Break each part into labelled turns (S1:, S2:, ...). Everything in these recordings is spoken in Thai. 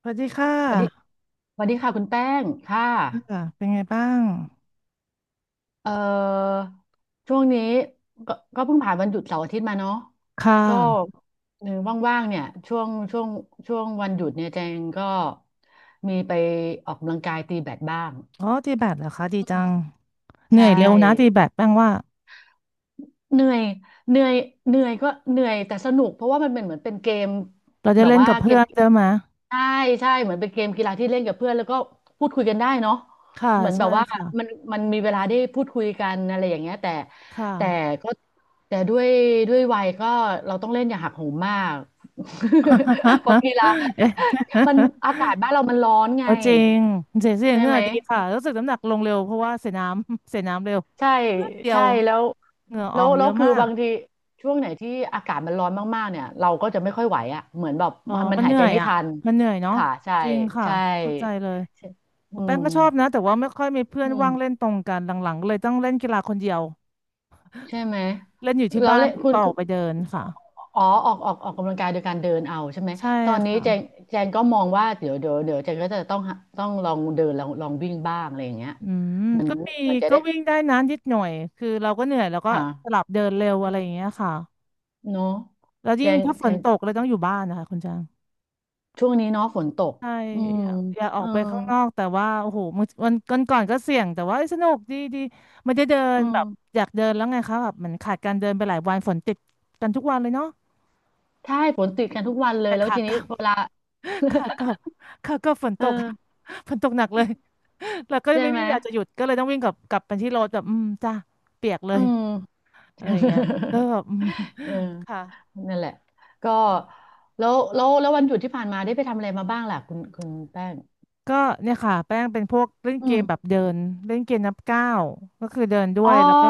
S1: สวัสดีค่
S2: สวัสดี
S1: ะ
S2: สวัสดีค่ะคุณแป้งค่ะ
S1: ค่ะเป็นไงบ้าง
S2: เอ่อช่วงนี้ก็เพิ่งผ่านวันหยุดเสาร์อาทิตย์มาเนาะ
S1: ค่ะ
S2: ก็เออว่างๆเนี่ยช่วงวันหยุดเนี่ยแจงก็มีไปออกกำลังกายตีแบดบ้าง
S1: อ๋อตีแบดเหรอคะดีจังเหนื่
S2: ใช่
S1: อยเร็วนะตีแบดแป้งว่า
S2: เหนื่อยเหนื่อยเหนื่อยก็เหนื่อยแต่สนุกเพราะว่ามันเป็นเหมือนเป็นเกม
S1: เราจะ
S2: แบบ
S1: เล่น
S2: ว่า
S1: กับ
S2: เก
S1: เพื่อ
S2: ม
S1: นใช่ไหม
S2: ใช่ใช่เหมือนเป็นเกมกีฬาที่เล่นกับเพื่อนแล้วก็พูดคุยกันได้เนาะ
S1: ค่ะ
S2: เหมือนแบ
S1: ใช่
S2: บว่ามัน
S1: ค่ะ
S2: มันมีเวลาได้พูดคุยกันอะไรอย่างเงี้ย
S1: ค่ะ
S2: แต่ก็แต่ด้วยวัยก็เราต้องเล่นอย่าหักโหมมาก เพราะกีฬา
S1: เอ๊ะ
S2: มันอากาศบ้านเรามันร้อน ไง
S1: เอาจริงเสีย
S2: ใช่
S1: เหงื่
S2: ไห
S1: อ
S2: ม
S1: ดีค่ะรู้สึกน้ำหนักลงเร็วเพราะว่าเสียน้ำ เสียน้ำเร็ว
S2: ใช่
S1: เพื่อนเดีย
S2: ใช่
S1: ว
S2: แล้ว
S1: เหงื่ออ
S2: แล้
S1: อ
S2: ว
S1: กเย
S2: แล้ว
S1: อะ
S2: คือ
S1: มาก
S2: บางทีช่วงไหนที่อากาศมันร้อนมากๆเนี่ยเราก็จะไม่ค่อยไหวอ่ะเหมือนแบบ
S1: อ๋อ
S2: มัน
S1: มันเห
S2: หาย
S1: นื่
S2: ใจ
S1: อย
S2: ไม่
S1: อ่ะ
S2: ทัน
S1: มันเหนื่อยเนาะ
S2: ค่ะใช่
S1: จริงค่ะ
S2: ใช่
S1: เข้าใจเลย
S2: ใช่อื
S1: แป้งก็
S2: ม
S1: ชอบนะ แต่ว่าไม่ค่อยมีเพื่อ
S2: อื
S1: นว่าง
S2: ม
S1: เล่นตรงกันหลังๆเลยต้องเล่นกีฬาคนเดียว
S2: ใช่ไหม
S1: เล่นอยู่ที่
S2: เรา
S1: บ้าน
S2: เล่นคุ
S1: ก็
S2: ณ
S1: อ
S2: คุ
S1: อก
S2: ณ
S1: ไปเดินค่ะ
S2: อ๋อออกกำลังกายโดยการเดินเอาใช่ไหม
S1: ใช่
S2: ตอนนี้
S1: ค่ะ
S2: แจงก็มองว่าเดี๋ยวแจงก็จะต้องลองเดินลองวิ่งบ้างอะไรอย่างเงี้ย
S1: อืม
S2: มัน
S1: ก็มี
S2: มันจะ
S1: ก็
S2: ได้
S1: วิ่งได้นะนิดหน่อย คือเราก็เหนื่อย แล้วก็
S2: อ่า
S1: สลับเดินเร็ว
S2: อื
S1: อะไร
S2: ม
S1: อย่างเงี้ยค่ะ
S2: เนาะ
S1: แล้ว
S2: แจ
S1: ยิ่ง
S2: ง
S1: ถ้าฝ
S2: แจ
S1: น
S2: ง
S1: ตกเลยต้องอยู่บ้านนะคะคุณจาง
S2: ช่วงนี้เนาะฝนตก
S1: ใช่
S2: อืม
S1: อยากอยากออ
S2: เอ
S1: ก
S2: อ
S1: ไปข้างนอกแต่ว่าโอ้โหมอวันก่อนก็เสี่ยงแต่ว่าเอ้ยสนุกดีดีไม่ได้เดิ
S2: เอ
S1: นแบบ
S2: อ
S1: อยากเดินแล้วไงคะแบบเหมือนขาดการเดินไปหลายวันฝนติดกันทุกวันเลยเนาะ
S2: ใช่ฝนติดกันทุกวันเลย
S1: แต่
S2: แล้ว
S1: ขา
S2: ที
S1: ก
S2: นี้
S1: ลับ
S2: เวลา
S1: ขากลับขากลับฝนตก
S2: เออ
S1: ฝนตกหนักเลย แล้วก็
S2: ใช่
S1: ไม่
S2: ไห
S1: มี
S2: ม
S1: เวลาจะหยุดก็เลยต้องวิ่งกลับไปที่รถแบบอืมจ้าเปียกเล
S2: อื
S1: ย
S2: ม
S1: อะไรอย่างเงี้ยก็ แบบอืม
S2: เออ
S1: ค่ะ
S2: นั่นแหละก็แล้ววันหยุดที่ผ่านมาได้ไปทำอะไรมาบ้างล่ะ คุณแป้ง
S1: ก็เนี่ยค่ะแป้งเป็นพวกเล่น
S2: อื
S1: เก
S2: ม
S1: มแบบเดินเล่นเกมนับก้าวก็คือเดินด้ว
S2: อ๋อ
S1: ยแล้วก็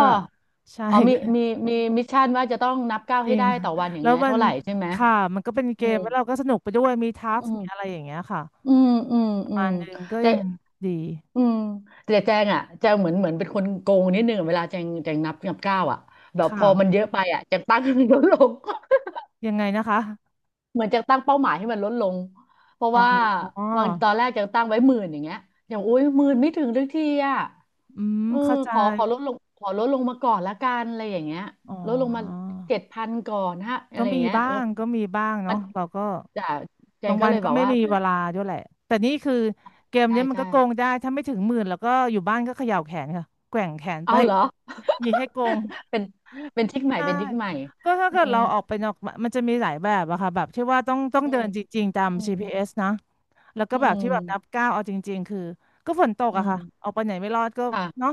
S1: ใช่
S2: อ๋อ มีมิชชั่นว่าจะต้องนับก้าว
S1: จ
S2: ให้
S1: ริง
S2: ได้
S1: ค่ะ
S2: ต่อวันอย่าง
S1: แล้ว
S2: เงี้ย
S1: มัน
S2: เท่าไหร่ใช่ไหม
S1: ค่ะมันก็เป็นเก
S2: อื
S1: ม
S2: ม
S1: แล้วเราก็สนุกไปด้วยมีทัก
S2: อื
S1: มีอะไร
S2: ม
S1: อย่างเงี้ยค่ะ
S2: อืมอืม
S1: ประ
S2: อื
S1: มา
S2: ม
S1: ณนึงก็
S2: เจ๊
S1: ยังดี
S2: อืมแต่แจงอ่ะแจงเหมือนเป็นคนโกงนิดนึงอะเวลาแจงนับก้าวอ่ะแบบพ
S1: ค่ะ
S2: อมันเยอะไปอ่ะแจงตั้งให้มันลดลง
S1: ยังไงนะคะ
S2: เหมือนแจงตั้งเป้าหมายให้มันลดลงเพราะ
S1: อ๋
S2: ว่า
S1: อ
S2: บางตอนแรกแจงตั้งไว้หมื่นอย่างเงี้ยอย่างอุ้ยหมื่นไม่ถึงทุกทีอ่ะ
S1: อืม
S2: เออ
S1: เข้าใจ
S2: ขอลดลงขอลดลงมาก่อนละกันอะไรอย่างเงี้ย
S1: อ๋
S2: ลดลงมา
S1: อ
S2: 7,000ก่อนฮะอะ
S1: ก็
S2: ไรอย่าง
S1: มี
S2: เงี้ย
S1: บ้า
S2: แล้ว
S1: งก็มีบ้างเนาะเราก็
S2: จาแจ
S1: บา
S2: ง
S1: ง
S2: ก็
S1: วัน
S2: เลย
S1: ก็
S2: แบบ
S1: ไม่
S2: ว่า
S1: มี
S2: เหมือ
S1: เว
S2: น
S1: ลาด้วยแหละแต่นี่คือเกม
S2: ใช่
S1: เนี้ยมัน
S2: ใช่
S1: ก็โกงได้ถ้าไม่ถึงหมื่นแล้วก็อยู่บ้านก็เขย่าแขนค่ะแกว่งแขนไป
S2: เอาเหรอ
S1: มีให้โกง
S2: เป็นเป็นทริคใหม่
S1: ใช่
S2: เป็นทริคใหม่
S1: ก็ถ้า
S2: อื
S1: เกิด
S2: ม
S1: เราออกไปนอกมันจะมีหลายแบบอะค่ะแบบที่ว่าต้อง
S2: อื
S1: เดิ
S2: ม
S1: นจริงๆตาม
S2: อืม
S1: GPS นะแล้วก็
S2: อื
S1: แบบที่แบบนับ
S2: ม
S1: ก้าวเอาจริงๆคือก็ฝนตก
S2: อื
S1: อะ
S2: ม
S1: ค่ะออกไปไหนไม่รอดก็
S2: ค่ะ
S1: เนาะ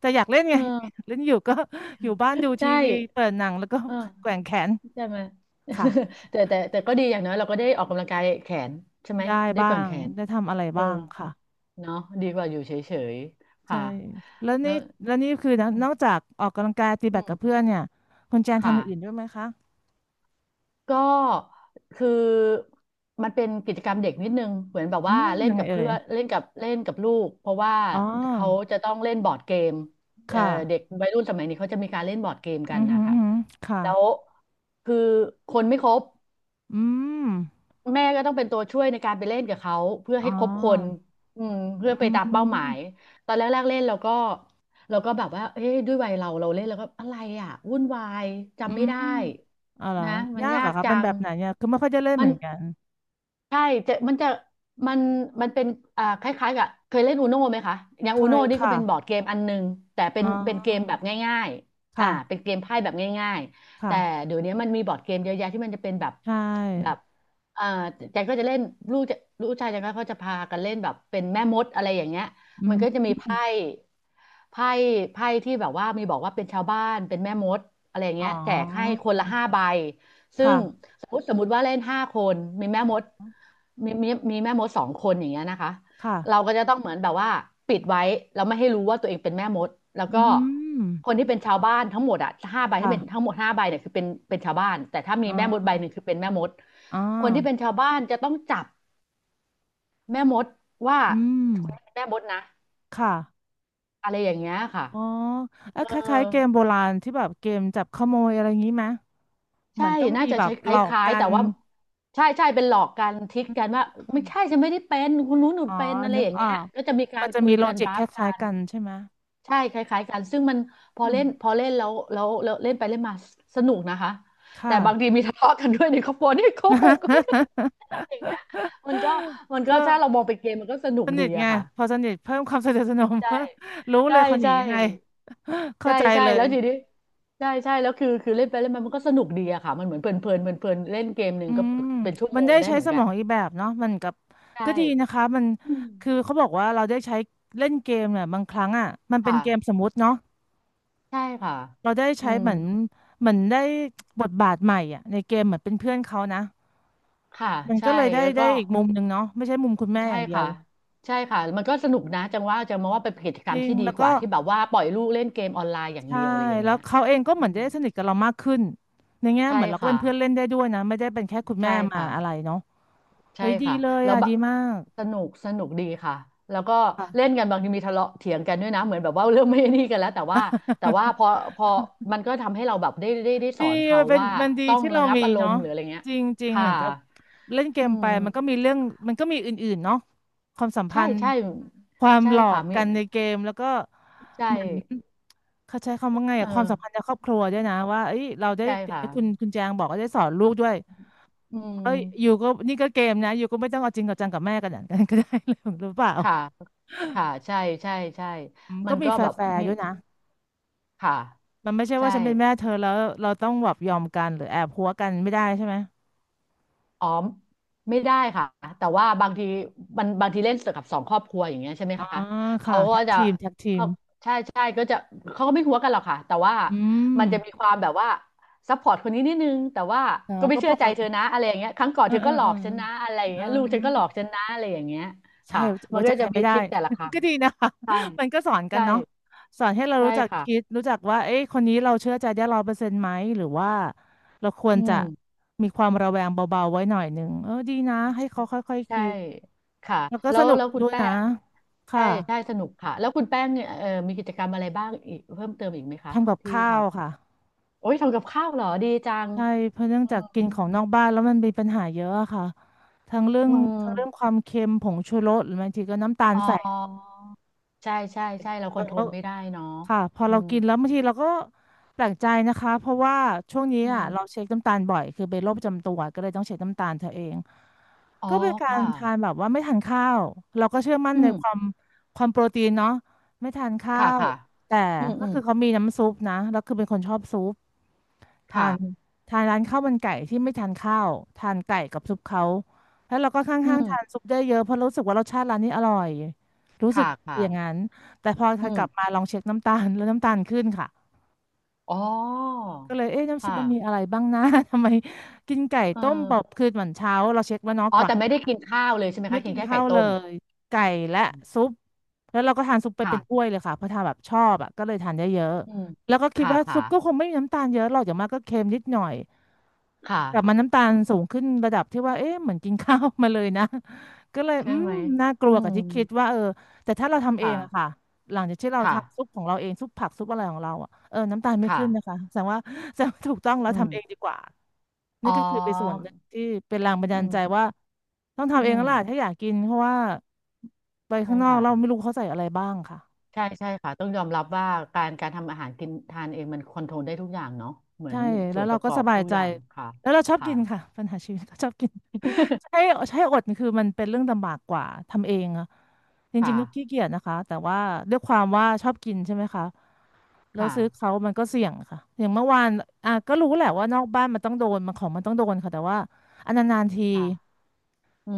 S1: แต่อยากเล่น
S2: เ
S1: ไง
S2: ออ
S1: เล่นอยู่ก็ อยู่บ้านดูที
S2: ใช่
S1: วีเปิดหนังแล้วก็
S2: เอ
S1: แก
S2: อ
S1: ว่งแขน
S2: ใช่ไหม
S1: ค่ะ
S2: แต่ก็ดีอย่างน้อยเราก็ได้ออกกำลังกายแขนใช่ไหม
S1: ได้
S2: ได้
S1: บ้า
S2: แกว่ง
S1: ง
S2: แขน
S1: ได้ทำอะไร
S2: เออ
S1: บ้างค่ะ
S2: เนาะดีกว่าอยู่เฉยๆ
S1: ใช่
S2: ค่ะ
S1: แล้ว
S2: แล้
S1: นี่
S2: ว
S1: แล้วนี่คือนะ
S2: อืม
S1: นอกจากออกกำลังกายตี
S2: อื
S1: แบด
S2: ม
S1: กับเพื่อนเนี่ยคุณแจนทำ
S2: ค่ะ
S1: อย่างอื่นด้วยไหมคะ
S2: ก็คือมันเป็นกิจกรรมเด็กนิดนึงเหมือนแบบ
S1: อื
S2: ว่า
S1: ม
S2: เล่
S1: ยั
S2: น
S1: งไง
S2: กับ
S1: เอ่
S2: เพื่
S1: ย
S2: อนเล่นกับลูกเพราะว่า
S1: อ๋อ
S2: เขาจะต้องเล่นบอร์ดเกมเอ่อ
S1: ค่ะ
S2: เด็กวัยรุ่นสมัยนี้เขาจะมีการเล่นบอร์ดเกมกั
S1: อื
S2: น
S1: อหื
S2: นะ
S1: ออื
S2: คะ
S1: อหือค่ะ
S2: แล้วคือคนไม่ครบ
S1: อืม
S2: แม่ก็ต้องเป็นตัวช่วยในการไปเล่นกับเขาเพื่อ
S1: อ๋อ
S2: ให้ครบคนอืมเพื่อไป
S1: อื
S2: ตามเป้าหมาย
S1: ม
S2: ตอนแรกๆเล่นเราก็แบบว่าเอ้ยด้วยวัยเราเล่นแล้วก็อะไรอ่ะวุ่นวาย
S1: อื
S2: จำไม่ได้
S1: มอ๋อเหร
S2: นะ
S1: อ
S2: มัน
S1: ยากเหร
S2: ยา
S1: อะ
S2: ก
S1: คะ
S2: จั
S1: เป็น
S2: ง
S1: แบบไหนเนี่ยคือไม่ค่อยจะเล่น
S2: มั
S1: เห
S2: น
S1: มือนกัน
S2: ใช่จะมันจะมันมันเป็นคล้ายๆกับเคยเล่นอูโน่ไหมคะอย่าง
S1: เค
S2: อูโน่
S1: ย
S2: นี่ก็
S1: ค่ะ
S2: เป็นบอร์ดเกมอันหนึงแต่เป็
S1: อ๋
S2: นเป็นเกมแบ
S1: อ
S2: บง่ายๆ
S1: ค่ะ
S2: เป็นเกมไพ่แบบง่ายๆ
S1: ค่ะ
S2: แต่เดี๋ยวนี้มันมีบอร์ดเกมเยอะแยะที่มันจะเป็นแบบ
S1: ใช
S2: แบบ
S1: ่
S2: เอ่อแจงก็จะเล่นลูกจะลูกชายแจงก็เขาจะพากันเล่นแบบเป็นแม่มดอะไรอย่างเงี้ย
S1: อื
S2: มัน
S1: ม
S2: ก็จะมี
S1: อ
S2: ไพ่ไพ่ไพ่ที่แบบว่ามีบอกว่าเป็นชาวบ้านเป็นแม่มดอะไรอย่าง
S1: ๋
S2: เงี้ยแจกให้
S1: อ
S2: คนละห้าใบ ซึ่
S1: ค่ะ
S2: งสมมติว่าเล่น5 คนมีแม่มดมีแม่มด2 คนอย่างเงี้ยนะคะเรา
S1: ค่ะ
S2: ก็จะต้องเหมือนแบบว่าปิดไว้แล้วไม่ให้รู้ว่าตัวเองเป็นแม่มดแล้วก็
S1: อืม
S2: คนที่เป็นชาวบ้านทั้งหมดอ่ะห้าใบที่เป็นทั้
S1: ค่ะ
S2: งหมดห้าใบเนี่ยคือเป็นเป็นชาวบ้านแต่ถ้ามี
S1: อ๋
S2: แม่มดใบ
S1: อ
S2: หนึ่งคือเป็นแม่มด
S1: อ๋อ
S2: คนที่เป็นชาวบ้านจะต้องจับแม่มดว่า
S1: อืม
S2: คนนี้เป็นแม่มดนะ
S1: ค่ะ
S2: อะไรอย่างเงี้ยค่ะ
S1: อ๋อเอ้
S2: เอ
S1: ย
S2: อ
S1: คล้ายๆเกมโบราณที่แบบเกมจับขโมยอะไรอย่างนี้ไหมเหมื
S2: ใช่
S1: อนต้อง
S2: น่า
S1: มี
S2: จะ
S1: แบบ
S2: ใช้ค
S1: หลอก
S2: ล้าย
S1: กั
S2: ๆแต่
S1: น
S2: ว่าใช่ใช่เป็นหลอกกันทิกกันว่าไม่ใช่ฉันไม่ได้เป็นคุณนู้นหนู
S1: อ๋อ
S2: เป็นอะไร
S1: นึ
S2: อ
S1: ก
S2: ย่าง
S1: ออ
S2: เงี้ย
S1: ก
S2: ก็จะมีกา
S1: มัน
S2: ร
S1: จะ
S2: คุ
S1: มี
S2: ย
S1: โล
S2: กัน
S1: จิ
S2: บ
S1: ก
S2: ลั
S1: ค
S2: ฟกั
S1: ล้ายๆ
S2: น
S1: กันใช่ไหม
S2: ใช่คล้ายๆกันซึ่งมันพอ
S1: อืม
S2: เล่นพอเล่นแล้วเล่นไปเล่นมาสนุกนะคะแต่
S1: ค่ะ
S2: บางทีมีทะเลาะกันด้วยในครอบครัวนี่โกหกกันอย่างเงี้ยมันก็ มัน
S1: ก็
S2: ก็ถ้าเรามองเป็นเกมมันก็สนุ
S1: ส
S2: ก
S1: นิ
S2: ดี
S1: ทไง
S2: อะค่ะ
S1: พอสนิทเพิ่มความสนิทสนม
S2: ใช่
S1: รู้เล
S2: ใช่
S1: ยคนหนี
S2: ใช่
S1: ยังไง เข้า
S2: ใช่
S1: ใจ
S2: ใช่
S1: เล
S2: แล้
S1: ย
S2: วทีนี้ใช่ใช่แล้วคือเล่นไปเล่นมามันก็สนุกดีอะค่ะมันเหมือนเพลินเล่นเกมหนึ่
S1: อื
S2: งก็
S1: ม
S2: เป็นชั่ว
S1: มั
S2: โม
S1: น
S2: ง
S1: ได้
S2: ได้
S1: ใช้
S2: เหมือ
S1: ส
S2: นกั
S1: ม
S2: น
S1: องอีกแบบเนาะมันกับ
S2: ใช่
S1: ก็ดีนะคะมัน
S2: อืม
S1: คือเขาบอกว่าเราได้ใช้เล่นเกมเนี่ยบางครั้งอ่ะมันเป็น
S2: ค่ะ
S1: เกมสมมุติเนาะ
S2: ใช่ค่ะ
S1: เราได้
S2: อื
S1: ใช้
S2: ม
S1: เหมือนเหมือนได้บทบาทใหม่อ่ะในเกมเหมือนเป็นเพื่อนเขานะ
S2: ค่ะ
S1: มัน
S2: ใช่
S1: ก็เลยได้
S2: แล้ว
S1: ได้
S2: ก็
S1: อีกมุมหนึ่งเนาะไม่ใช่มุมคุณแม่
S2: ใช่
S1: อย่างเดียว
S2: ค่ะใช่ค่ะมันก็สนุกนะจังว่าจังมองว่าเป็นกิจก
S1: จ
S2: รรม
S1: ริง
S2: ที่ดี
S1: แล้ว
S2: ก
S1: ก็
S2: ว่าที่แบบว่าปล่อยลูกเล่นเกมออนไลน์อย่าง
S1: ใช่
S2: เดียวอะไรอย่าง
S1: แล้
S2: เงี้
S1: ว
S2: ย
S1: เขาเองก็
S2: อื
S1: เหมือน
S2: ม
S1: ได้สนิทกับเรามากขึ้นในแง่
S2: ใช่
S1: เหมือนเราก็
S2: ค่ะ
S1: เป็นเพื่อนเล่นได้ด้วยนะไม่ได้เป็นแค่คุณ
S2: ใช่
S1: แม่มา
S2: ค่ะ
S1: อะไรเนาะ
S2: ใช่
S1: เฮ้ยดี
S2: ค่ะ
S1: เลย
S2: แล้ว
S1: อ่ะ
S2: บะ
S1: ดีมาก
S2: สนุกสนุกดีค่ะแล้วก็เล่น
S1: ค่ะ
S2: กันบางทีมีทะเลาะเถียงกันด้วยนะเหมือนแบบว่า เรื่องไม่นี่กันแล้วแต่ว่าแต่ว่าพอ พอมันก็ทำให้เราแบบได้ส
S1: ดี
S2: อนเขา
S1: มันเป็น
S2: ว่า
S1: มันดี
S2: ต้อง
S1: ที่เรา
S2: ระงับ
S1: มี
S2: อารม
S1: เนาะ
S2: ณ์หรืออะไรเงี้ย
S1: จริงจริง
S2: ค่ะ
S1: เหมือนกับเล่นเก
S2: อื
S1: มไป
S2: ม
S1: มันก็มีเรื่องมันก็มีอื่นๆเนาะความสัม
S2: ใช่
S1: พันธ์
S2: ใช่
S1: ความ
S2: ใช่
S1: หลอ
S2: ค่ะ
S1: ก
S2: มิ
S1: กันในเกมแล้วก็
S2: ใช่
S1: เหมือน เขาใช้คำว่าไง
S2: เออ
S1: อะความสัมพันธ์ในครอบครัวด้วยนะว่าเอ้ยเราได้
S2: ใช่
S1: อย่าง
S2: ค่ะ
S1: ที่คุณแจงบอกก็าได้สอนลูกด้วย
S2: อืม
S1: เอ้ยอยู่ก็นี่ก็เกมนะอยู่ก็ไม่ต้องเอาจริงกับจังกับแม่กันอย่าง นั้นก็ได้เลยหรือเปล่า
S2: ค่ะค่ะใช่ใช่ใช่
S1: อืม
S2: มั
S1: ก็
S2: น
S1: มี
S2: ก็
S1: แฟ
S2: แบบ
S1: ร์
S2: มี
S1: ๆด้วยนะ
S2: ค่ะ
S1: มันไม่ใช่
S2: ใช่
S1: ว่าฉันเป็นแม่เธอแล้วเราต้องแบบยอมกันหรือแอบหัวกันไม่ได้ใช่ไหม
S2: อ๋อไม่ได้ค่ะแต่ว่าบางทีมันบางทีเล่นกับสองครอบครัวอย่างเงี้ยใช่ไหม
S1: อ๋อ
S2: คะ
S1: ค่ะ
S2: เขาก็
S1: แท็ก
S2: จะ
S1: ทีมแท็กทีม
S2: เขาใช่ใช่ก็จะเขาก็ไม่หัวกันหรอกค่ะแต่ว่า
S1: อืม
S2: มันจะมีความแบบว่าซัพพอร์ตคนนี้นิดนึงแต่ว่า
S1: อ๋อ
S2: ก็ไม่
S1: ก็
S2: เชื่
S1: ป
S2: อ
S1: ก
S2: ใจเธ
S1: ติ
S2: อนะอะไรอย่างเงี้ยครั้งก่อน
S1: เออ
S2: เธอ
S1: เอ
S2: ก็
S1: อ
S2: หล
S1: เอ
S2: อ
S1: อ
S2: กฉันนะอะไรอย่าง
S1: เออ
S2: เงี้ยลูกฉันก็หลอกฉันนะอะไรอย่างเงี้ย
S1: ใช่
S2: ค่ะมัน
S1: ไว่า
S2: ก็
S1: จะใค
S2: จะ
S1: ร
S2: มี
S1: ไม่ได้
S2: ทริคแต่ละครั้ ง
S1: ก็ดีนะคะ
S2: ใช่
S1: มันก็สอนกัน
S2: ใช่
S1: เนาะสอนให้เรา
S2: ใช่
S1: รู้จัก
S2: ค่ะ
S1: คิดรู้จักว่าเอ๊ะคนนี้เราเชื่อใจได้100%ไหมหรือว่าเราควร
S2: อื
S1: จะ
S2: ม
S1: มีความระแวงเบาๆไว้หน่อยหนึ่งเออดีนะให้เขาค่อยๆ
S2: ใช่
S1: คิด
S2: ค่ะ
S1: แล้วก็
S2: แล้
S1: ส
S2: ว
S1: นุก
S2: แล้วคุณ
S1: ด้วย
S2: แป้
S1: นะ
S2: งใช่
S1: ค่ะ
S2: ใช่สนุกค่ะแล้วคุณแป้งเนี่ยมีกิจกรรมอะไรบ้างอีกเพิ่มเติมอีกไหมคะ
S1: ทำกับ
S2: ที่
S1: ข้า
S2: ท
S1: วค่ะ
S2: ำโอ้ยทำกับข้าวเหรอดีจัง
S1: ใช่เพราะเนื่อง
S2: อื
S1: จากกิน
S2: ม
S1: ของนอกบ้านแล้วมันมีปัญหาเยอะอะค่ะทั้งเรื่อง
S2: อื
S1: ทั้งเรื่องค
S2: ม
S1: วามเค็มผงชูรสหรือบางทีก็น้ำตาล
S2: อ๋อ
S1: แฝง
S2: ใช่ใช่ใช่เราคอ
S1: เรา
S2: นโทร
S1: ก็
S2: ลไม่ได้เนาะ
S1: ค่ะพอ
S2: อื
S1: เรา
S2: ม
S1: กินแล้วบางทีเราก็แปลกใจนะคะเพราะว่าช่วงนี้
S2: อื
S1: อ่ะ
S2: ม
S1: เราเช็คน้ำตาลบ่อยคือเป็นโรคประจำตัวก็เลยต้องเช็คน้ำตาลเธอเอง
S2: อ๋อ
S1: ก็เป็นการ
S2: ค่ะ
S1: ทานแบบว่าไม่ทานข้าวเราก็เชื่อมั่น
S2: อื
S1: ใน
S2: ม
S1: ความความโปรตีนเนาะไม่ทานข้า
S2: ค่ะ
S1: ว
S2: ค่ะ
S1: แต่
S2: อืม
S1: ก็
S2: อืม
S1: คือเขามีน้ำซุปนะแล้วคือเป็นคนชอบซุป ทาน
S2: ค่ะ
S1: ทานร้านข้าวมันไก่ที่ไม่ทานข้าวทานไก่กับซุปเขาแล้วเราก็
S2: อื
S1: ข้างๆทาน
S2: ม
S1: ซุปได้เยอะเพราะรู้สึกว่ารสชาติร้านนี้อร่อยรู้สึก
S2: ค่ะค่ะ
S1: อย่างนั้นแต่พอ
S2: อื
S1: ถ้ากลั
S2: ม
S1: บมาลองเช็คน้ำตาลแล้วน้ำตาลขึ้นค่ะ
S2: อ๋อ
S1: ก็เลยเอ๊ะน้ำซุป
S2: ค่ะ
S1: มันมีอะไรบ้างนะ ทำไมกินไก่
S2: เอ
S1: ต้มบอบ
S2: อ
S1: คืนเหมือนเช้าเราเช็คแล้วเนาะ
S2: อ๋อ
S1: ก่อน
S2: แต่ไม่ได้กินข้าวเลยใช่ไหม
S1: ไม่
S2: คะกิ
S1: กิ
S2: น
S1: น
S2: แค่ไก่
S1: ข้าวเล
S2: ต้ม
S1: ยไก่และซุปแล้วเราก็ทานซุปไป
S2: ค่ะ
S1: เป็นถ้วยเลยค่ะเพราะทานแบบชอบอ่ะก็เลยทานได้เยอะ
S2: อืม
S1: แล้วก็คิด
S2: ค่ะ
S1: ว่าซุ
S2: ค่ะ
S1: ปก็คงไม่มีน้ำตาลเยอะหรอกอย่างมากก็เค็มนิดหน่อย
S2: ค่ะ
S1: กลับมาน้ำตาล
S2: อืม
S1: สูงขึ้นระดับที่ว่าเอ๊ะเหมือนกินข้าว มาเลยนะ ก็เลย
S2: ใช่
S1: อืม
S2: ไหม
S1: น่าก
S2: อื
S1: ลัวกั
S2: ม
S1: บที่คิดว่าเออแต่ถ้าเราทำเอง
S2: ค่ะ
S1: อะค่ะหลังจากที่เรา
S2: ค่ะ
S1: ทำซุปของเราเองซุปผักซุปอะไรของเราอะเออน้ำตาลไม่ขึ้นนะ
S2: ค่ะ
S1: คะแสดงว่า แสดงว่าถูกต้องแล้ว
S2: อื
S1: ทำเอง
S2: ม
S1: ดีกว่า
S2: อ๋
S1: นี่
S2: อ
S1: ก็คือเป็นส่วนหนึ่งที่เป็นแรงบัน
S2: อื
S1: ดาล
S2: ม
S1: ใจว่าต้องทำ
S2: อื
S1: เองแล้
S2: ม
S1: วล่ะถ้าอยากกินเพราะว่าไป
S2: ใช่
S1: ข้างนอก
S2: ค่ะ
S1: เราไม่รู้เขาใส่อะไรบ้างค่ะ
S2: ใช่ใช่ค่ะต้องยอมรับว่าการทำอาหารกินทานเองมันคอนโทรลได้ทุกอย่างเนาะเหมือ
S1: ใช่
S2: นส่
S1: แล้ว
S2: วนป
S1: เรา
S2: ระ
S1: ก็
S2: กอ
S1: ส
S2: บ
S1: บาย
S2: ทุก
S1: ใจ
S2: อย่างค่ะ
S1: แล้วเราชอบ
S2: ค่ะ
S1: กินค่ะปัญหาชีวิต ก็ชอบกิน ใช่ ใช่อดนี่คือมันเป็นเรื่องลำบากกว่าทำเองอะจ
S2: ค
S1: ริงๆก็ขี้
S2: ่ะ
S1: เกียจนะคะแต่ว่าด้วยความว่าชอบกินใช่ไหมคะแล้ว
S2: ค่ะ
S1: ซื้อเขามันก็เสี่ยงค่ะอย่างเมื่อวานอ่ะก็รู้แหละว่านอกบ้านมันต้องโดนมันของมันต้องโดนค่ะแต่ว่าอันนานๆที
S2: ค่ะอื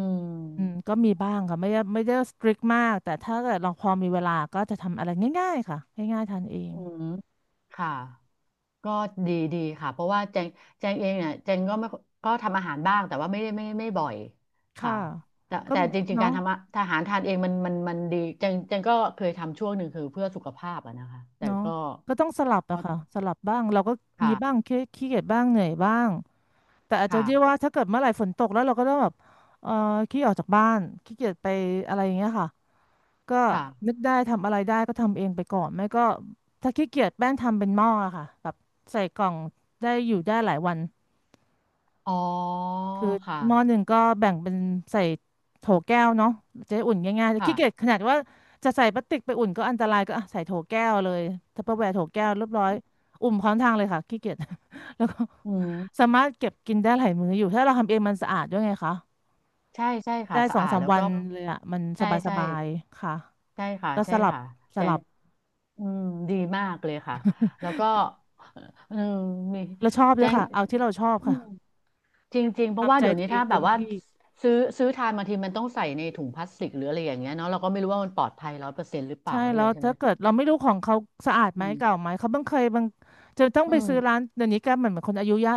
S1: อืม
S2: ม
S1: ก็มีบ้างค่ะไม่ได้สตริกมากแต่ถ้าเกิดเราพอมีเวลาก็จะทำอะไรง่ายๆค่ะง่ายๆทานเอง
S2: อืมค่ะ ก็ดีดีค่ะเพราะว่าแจงแจงเองเนี่ยแจงก็ไม่ก็ทำอาหารบ้างแต่ว่าไม่ได้ไม่ไม่บ่อยค่ะ
S1: ค่ะ
S2: แต่
S1: ก็
S2: แต่จริงๆการ
S1: เนาะ
S2: ทำอาหารทานเองมันดีแจงแจงก็เคยทำช่วงหนึ่งคือเพื่อสุขภาพอะนะคะแต่
S1: เนาะ
S2: ก็
S1: ก็ต้องสลับ
S2: ก็
S1: อะค่ะสลับบ้างเราก็มีบ้าง
S2: ค่ะ
S1: ขี้เกียจบ้างเหนื่อยบ้างแต่อาจจะ
S2: ค่ะ
S1: เรียกว่าถ้าเกิดเมื่อไหร่ฝนตกแล้วเราก็ต้องแบบเอ่อขี้ออกจากบ้านขี้เกียจไปอะไรอย่างเงี้ยค่ะก็
S2: ค่ะ
S1: นึกได้ทำอะไรได้ก็ทำเองไปก่อนไม่ก็ถ้าขี้เกียจแป้งทำเป็นหม้ออะค่ะแบบใส่กล่องได้อยู่ได้หลายวัน
S2: อ๋อ
S1: คือหม้อห
S2: ค่ะ
S1: นึ่งก็แบ่งเป็นใส่โถแก้วเนาะจะได้อุ่นง่ายๆแต่ขี้เกียจ
S2: ค่ะ
S1: ขนาดว่าจะใส่พลาสติกไปอุ่นก็อันตรายก็ อ่ะใส่โถแก้วเลยทัปเปอร์แวร์โถแก้วเรียบร้อยอุ่มพร้อมทางเลยค่ะขี้เกียจ แล้วก็
S2: อืม
S1: สามารถเก็บกินได้หลายมื้ออยู่ถ้าเราทำเองมันสะอาดด้วยไงคะ
S2: ใช่ใช่
S1: ได้
S2: ค่ะสะ
S1: สอง
S2: อาด
S1: สาม
S2: แล้ว
S1: วั
S2: ก็
S1: นเลยอ่ะมัน
S2: ใช่
S1: ส
S2: ใช่
S1: บายๆค่ะ
S2: ใช่ค่ะ
S1: ก็ส
S2: ใช่
S1: ลับ
S2: ค่ะ
S1: ส
S2: แจ
S1: ลั
S2: ง
S1: บ
S2: อืมดีมากเลยค่ะแล้วก็เออมี
S1: เราชอบด้
S2: แจ
S1: วย
S2: ง
S1: ค่ะเอาที่เราชอบ
S2: อื
S1: ค่ะ
S2: ม จริงๆเพราะว่า
S1: ทำใจ
S2: เดี๋ยว
S1: ตั
S2: นี้
S1: วเอ
S2: ถ้า
S1: ง
S2: แบ
S1: เต็
S2: บ
S1: ม
S2: ว่า
S1: ที่
S2: ซื้อทานบางทีมันต้องใส่ในถุงพลาสติกหรืออะไรอย่างเงี้ยเนาะเราก็ไม่รู้ว่ามันปลอดภัย100%หรือเปล่า
S1: ใช่
S2: ด้ว
S1: แล้
S2: ย
S1: ว
S2: ใช่ไหม
S1: ถ้าเกิดเราไม่รู้ของเขาสะอาดไห
S2: อื
S1: ม
S2: ม
S1: เก่าไหมเขาบางเคยบางจะต้อง
S2: อื
S1: ไปซื้อร้า
S2: ม
S1: นเดี๋ยวนี้แกเหมือนเหมือนคนอายุเยอะ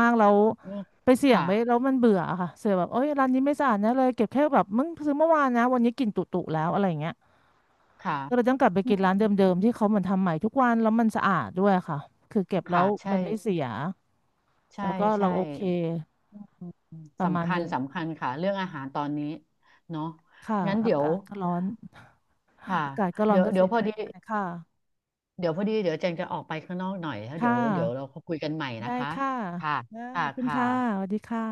S1: มากแล้ว
S2: โอ้
S1: ไปเสี่ยง
S2: ค่ะ
S1: ไปแล้วมันเบื่ออะค่ะเสียแบบโอ๊ยร้านนี้ไม่สะอาดนะเลยเก็บแค่แบบมึงซื้อเมื่อวานนะวันนี้กลิ่นตุๆแล้วอะไรอย่างเงี้ย
S2: ค่ะ
S1: ก็เลยต้องกลับไป
S2: อื
S1: กินร้าน
S2: ม
S1: เดิมๆที่เขาเหมือนทำใหม่ทุกวันแล้วมันสะอาดด้วยค่ะคือเก็บแล้
S2: ค่ะ
S1: วมั
S2: ใช่
S1: นไม่เสียแล้
S2: ใช่
S1: วก็เรา
S2: ใช่
S1: โอเคประมา
S2: สำ
S1: ณ
S2: คัญ
S1: นึง
S2: สำคัญค่ะเรื่องอาหารตอนนี้เนาะ
S1: ค่ะ
S2: งั้น
S1: อา
S2: เดี๋ยว
S1: กาศก็ร้อน
S2: ค่ะ
S1: อากาศก็ร้อ
S2: เดี๋
S1: น
S2: ยว
S1: ก็
S2: เดี๋ย
S1: เสี
S2: ว
S1: ย
S2: พ
S1: อะ
S2: อ
S1: ไร
S2: ดี
S1: ง่ายค่ะ
S2: เดี๋ยวพอดีเดี๋ยวแจงจะออกไปข้างนอกหน่อยแล้วเดี๋
S1: ค่ะ
S2: ยวเดี๋ยวเราคุยกันใหม่นะ
S1: ได้
S2: คะ
S1: ค่ะ
S2: ค่ะ
S1: นะ
S2: ค่ะ
S1: ขอบคุณ
S2: ค่ะ
S1: ค่ะ สวัสดีค่ะ